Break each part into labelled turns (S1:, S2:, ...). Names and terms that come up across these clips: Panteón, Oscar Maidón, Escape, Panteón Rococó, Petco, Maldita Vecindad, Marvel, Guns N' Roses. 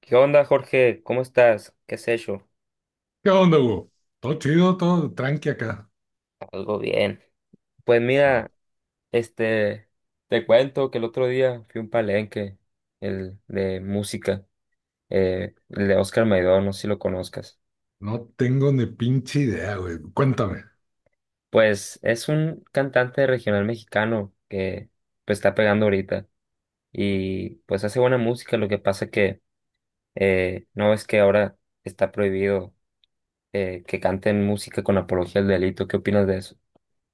S1: ¿Qué onda, Jorge? ¿Cómo estás? ¿Qué has hecho?
S2: ¿Qué onda, Hugo? Todo chido, todo tranqui acá.
S1: Algo bien. Pues
S2: O sea,
S1: mira, este, te cuento que el otro día fui a un palenque, el de música, el de Oscar Maidón, no sé si lo conozcas.
S2: no tengo ni pinche idea, güey. Cuéntame.
S1: Pues es un cantante regional mexicano que pues está pegando ahorita y pues hace buena música, lo que pasa que no es que ahora está prohibido, que canten música con apología al delito. ¿Qué opinas de eso?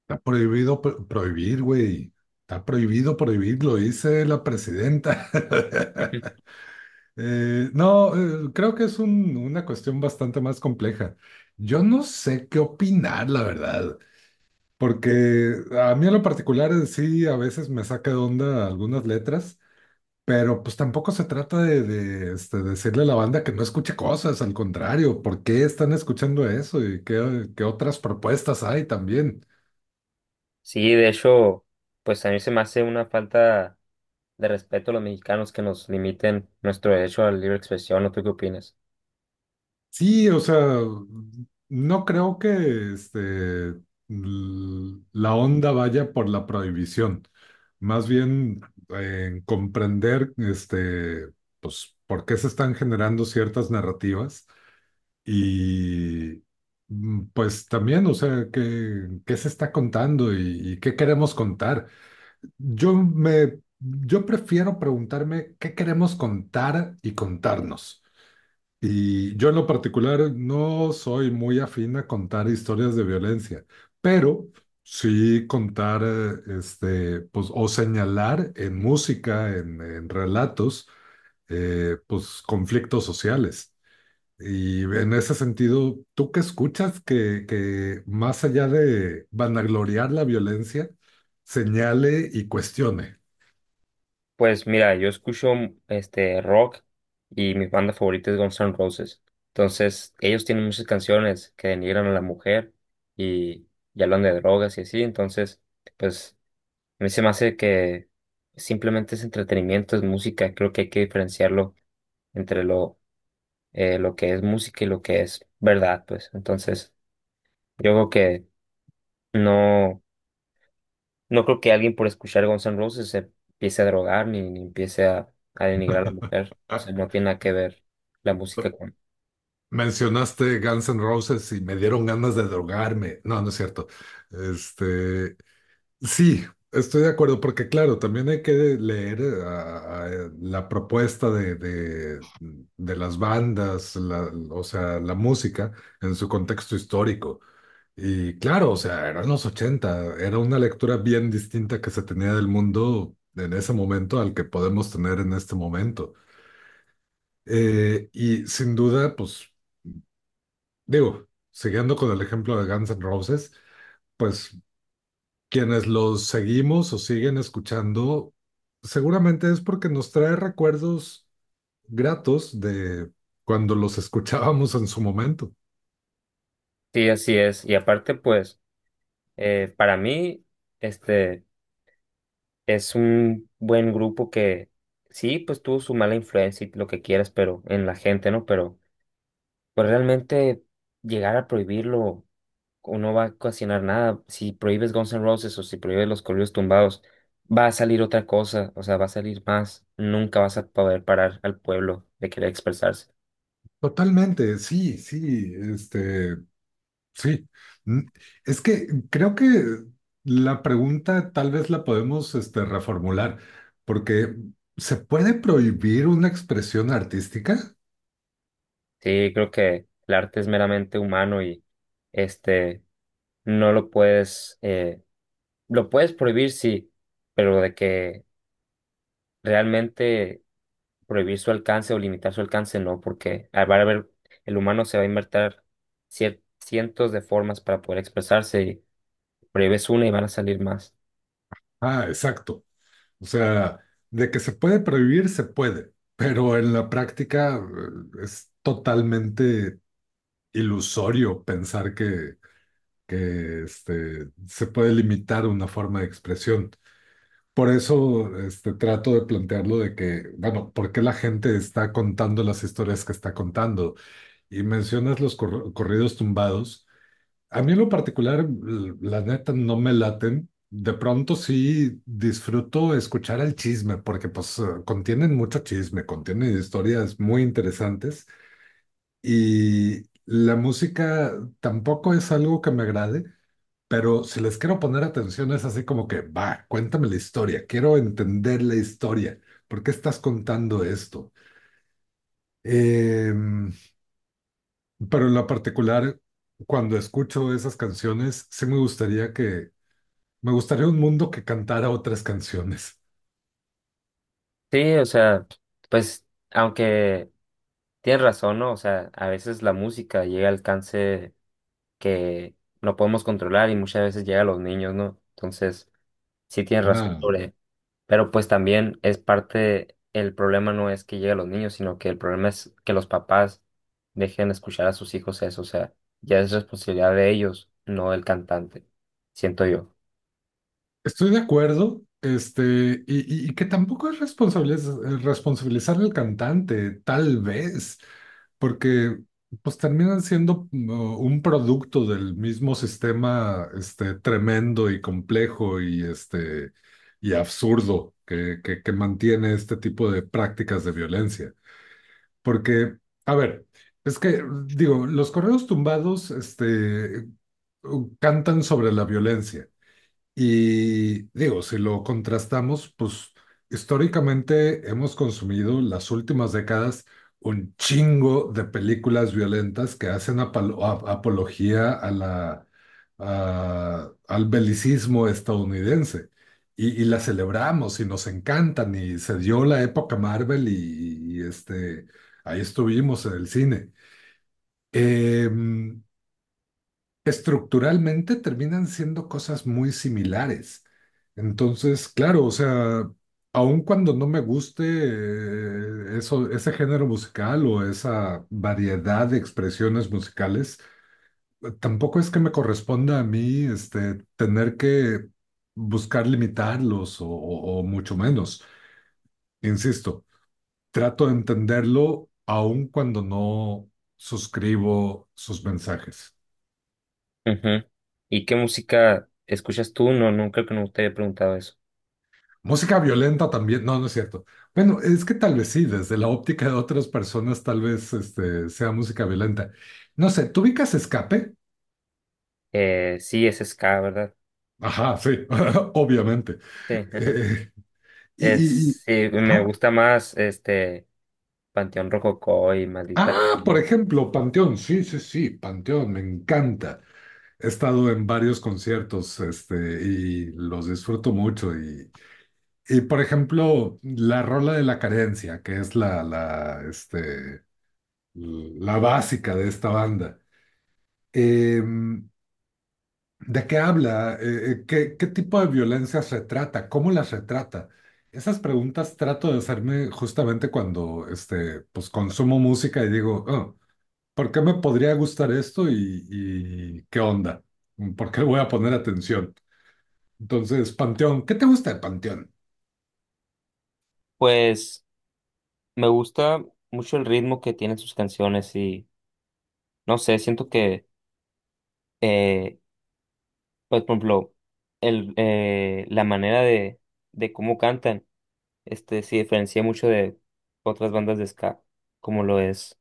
S2: Está prohibido prohibir, güey. Está prohibido prohibir, lo dice la presidenta. No, creo que es una cuestión bastante más compleja. Yo no sé qué opinar, la verdad, porque a mí en lo particular, sí, a veces me saca de onda algunas letras. Pero pues tampoco se trata de decirle a la banda que no escuche cosas, al contrario, ¿por qué están escuchando eso y qué otras propuestas hay también?
S1: Sí, de hecho, pues a mí se me hace una falta de respeto a los mexicanos que nos limiten nuestro derecho a la libre expresión. ¿No tú qué opinas?
S2: Sí, o sea, no creo que la onda vaya por la prohibición, más bien en comprender pues, por qué se están generando ciertas narrativas. Y pues también, o sea, ¿qué, qué se está contando y qué queremos contar? Yo prefiero preguntarme qué queremos contar y contarnos. Y yo en lo particular no soy muy afín a contar historias de violencia, pero sí contar, pues, o señalar en música, en relatos, pues conflictos sociales. Y en ese sentido, ¿tú qué escuchas que más allá de vanagloriar la violencia, señale y cuestione?
S1: Pues mira, yo escucho este rock, y mi banda favorita es Guns N' Roses. Entonces, ellos tienen muchas canciones que denigran a la mujer y, hablan de drogas y así. Entonces, pues a mí se me hace que simplemente es entretenimiento, es música. Creo que hay que diferenciarlo entre lo que es música y lo que es verdad, pues. Entonces, yo creo que no, no creo que alguien por escuchar Guns N' Roses se empiece a drogar ni, empiece a denigrar a la mujer. O sea, no tiene nada que ver la música con...
S2: Mencionaste Guns N' Roses y me dieron ganas de drogarme. No, no es cierto. Este, sí, estoy de acuerdo, porque claro, también hay que leer, a la propuesta de las bandas, o sea, la música en su contexto histórico. Y claro, o sea, eran los ochenta, era una lectura bien distinta que se tenía del mundo en ese momento al que podemos tener en este momento. Y sin duda, pues digo, siguiendo con el ejemplo de Guns N' Roses, pues quienes los seguimos o siguen escuchando, seguramente es porque nos trae recuerdos gratos de cuando los escuchábamos en su momento.
S1: Sí, así es. Y aparte, pues, para mí, este, es un buen grupo que sí, pues tuvo su mala influencia y lo que quieras, pero en la gente, ¿no? Pero pues realmente llegar a prohibirlo o no va a ocasionar nada. Si prohíbes Guns N' Roses o si prohíbes los corridos tumbados, va a salir otra cosa, o sea, va a salir más. Nunca vas a poder parar al pueblo de querer expresarse.
S2: Totalmente, sí, sí, este. Sí, Mm, es que creo que la pregunta tal vez la podemos, reformular, porque ¿se puede prohibir una expresión artística?
S1: Sí, creo que el arte es meramente humano y este no lo puedes, lo puedes prohibir, sí, pero de que realmente prohibir su alcance o limitar su alcance, no, porque va a haber, el humano se va a inventar cientos de formas para poder expresarse. Prohíbes una y van a salir más.
S2: Ah, exacto. O sea, de que se puede prohibir, se puede, pero en la práctica, es totalmente ilusorio pensar que se puede limitar una forma de expresión. Por eso, trato de plantearlo de que, bueno, ¿por qué la gente está contando las historias que está contando? Y mencionas los corridos tumbados. A mí en lo particular, la neta, no me laten. De pronto sí disfruto escuchar el chisme, porque pues, contienen mucho chisme, contienen historias muy interesantes. Y la música tampoco es algo que me agrade. Pero si les quiero poner atención, es así como que, va, cuéntame la historia, quiero entender la historia, ¿por qué estás contando esto? Em, pero en lo particular, cuando escucho esas canciones, sí me gustaría me gustaría un mundo que cantara otras canciones.
S1: Sí, o sea, pues aunque tienes razón, ¿no? O sea, a veces la música llega al alcance que no podemos controlar, y muchas veces llega a los niños, ¿no? Entonces, sí tienes razón
S2: Ah,
S1: sobre, pero pues también es parte, el problema no es que llegue a los niños, sino que el problema es que los papás dejen escuchar a sus hijos eso, o sea, ya es responsabilidad de ellos, no del cantante, siento yo.
S2: estoy de acuerdo, y que tampoco es responsabilizar al cantante, tal vez, porque pues terminan siendo, un producto del mismo sistema, tremendo y complejo y y absurdo que mantiene este tipo de prácticas de violencia. Porque, a ver, es que digo, los correos tumbados, cantan sobre la violencia y digo, si lo contrastamos, pues históricamente hemos consumido las últimas décadas un chingo de películas violentas que hacen apología a la, al belicismo estadounidense. Y las celebramos y nos encantan y se dio la época Marvel y ahí estuvimos en el cine. Em, estructuralmente terminan siendo cosas muy similares. Entonces, claro, o sea, aun cuando no me guste, eso, ese género musical o esa variedad de expresiones musicales, tampoco es que me corresponda a mí, tener que buscar limitarlos o mucho menos. Insisto, trato de entenderlo aun cuando no suscribo sus mensajes.
S1: Ujú. ¿Y qué música escuchas tú? No, no creo que no te he preguntado eso.
S2: Música violenta también, no, no es cierto. Bueno, es que tal vez sí, desde la óptica de otras personas, tal vez sea música violenta. No sé, ¿tú ubicas Escape?
S1: Sí, es ska, ¿verdad?
S2: Ajá, sí, obviamente.
S1: Sí, ajá.
S2: Eh, y, y- y-
S1: Es, sí, me
S2: ajá.
S1: gusta más Panteón Rococó y Maldita
S2: Ah, por
S1: Vecindad.
S2: ejemplo, Panteón, sí, sí, sí, Panteón, me encanta. He estado en varios conciertos, y los disfruto mucho. Y, por ejemplo, la rola de la carencia, que es la básica de esta banda. Em, ¿De qué habla? ¿Qué, qué tipo de violencias retrata? ¿Cómo las retrata? Esas preguntas trato de hacerme justamente cuando, pues, consumo música y digo, "Oh, ¿por qué me podría gustar esto y qué onda? ¿Por qué voy a poner atención? Entonces, Panteón, ¿qué te gusta de Panteón?"
S1: Pues me gusta mucho el ritmo que tienen sus canciones, y no sé, siento que, eh, pues, por ejemplo, la manera de, cómo cantan se diferencia mucho de otras bandas de ska, como lo es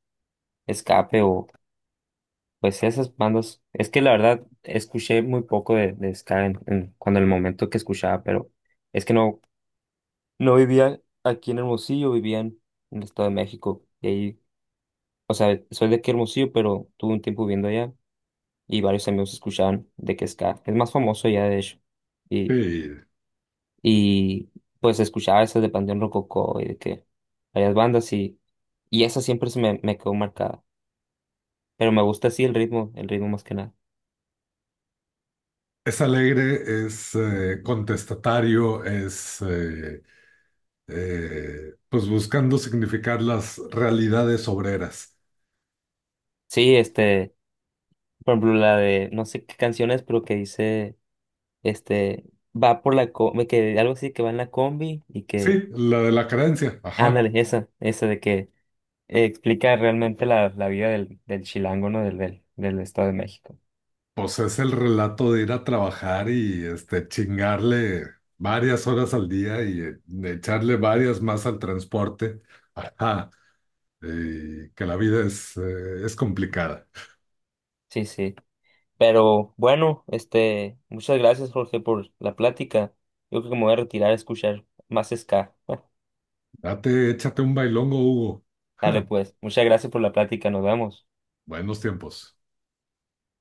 S1: Escape. Pues esas bandas, es que la verdad escuché muy poco de, ska en, cuando el momento que escuchaba, pero es que no, no vivía aquí en Hermosillo, vivía en el Estado de México. Y ahí, o sea, soy de aquí Hermosillo, pero tuve un tiempo viviendo allá y varios amigos escuchaban de que ska. Es más famoso ya, de hecho. Y,
S2: Sí,
S1: y pues escuchaba esas de Panteón Rococó y de que varias bandas, y, esa siempre me quedó marcada. Pero me gusta así el ritmo más que nada.
S2: es alegre, es, contestatario, es pues buscando significar las realidades obreras.
S1: Sí, este, por ejemplo, la de no sé qué canciones, pero que dice, este, va por la combi, que algo así, que va en la combi y
S2: Sí,
S1: que,
S2: la de la carencia, ajá.
S1: ándale, esa de que explica realmente la vida del chilango, ¿no? Del Estado de México.
S2: Pues es el relato de ir a trabajar y este chingarle varias horas al día y, echarle varias más al transporte. Ajá. Y que la vida es complicada.
S1: Sí, sí. Pero bueno, muchas gracias, Jorge, por la plática. Yo creo que me voy a retirar a escuchar más ska.
S2: Date, échate un bailongo, Hugo.
S1: Dale,
S2: Ja,
S1: pues, muchas gracias por la plática, nos vemos.
S2: buenos tiempos.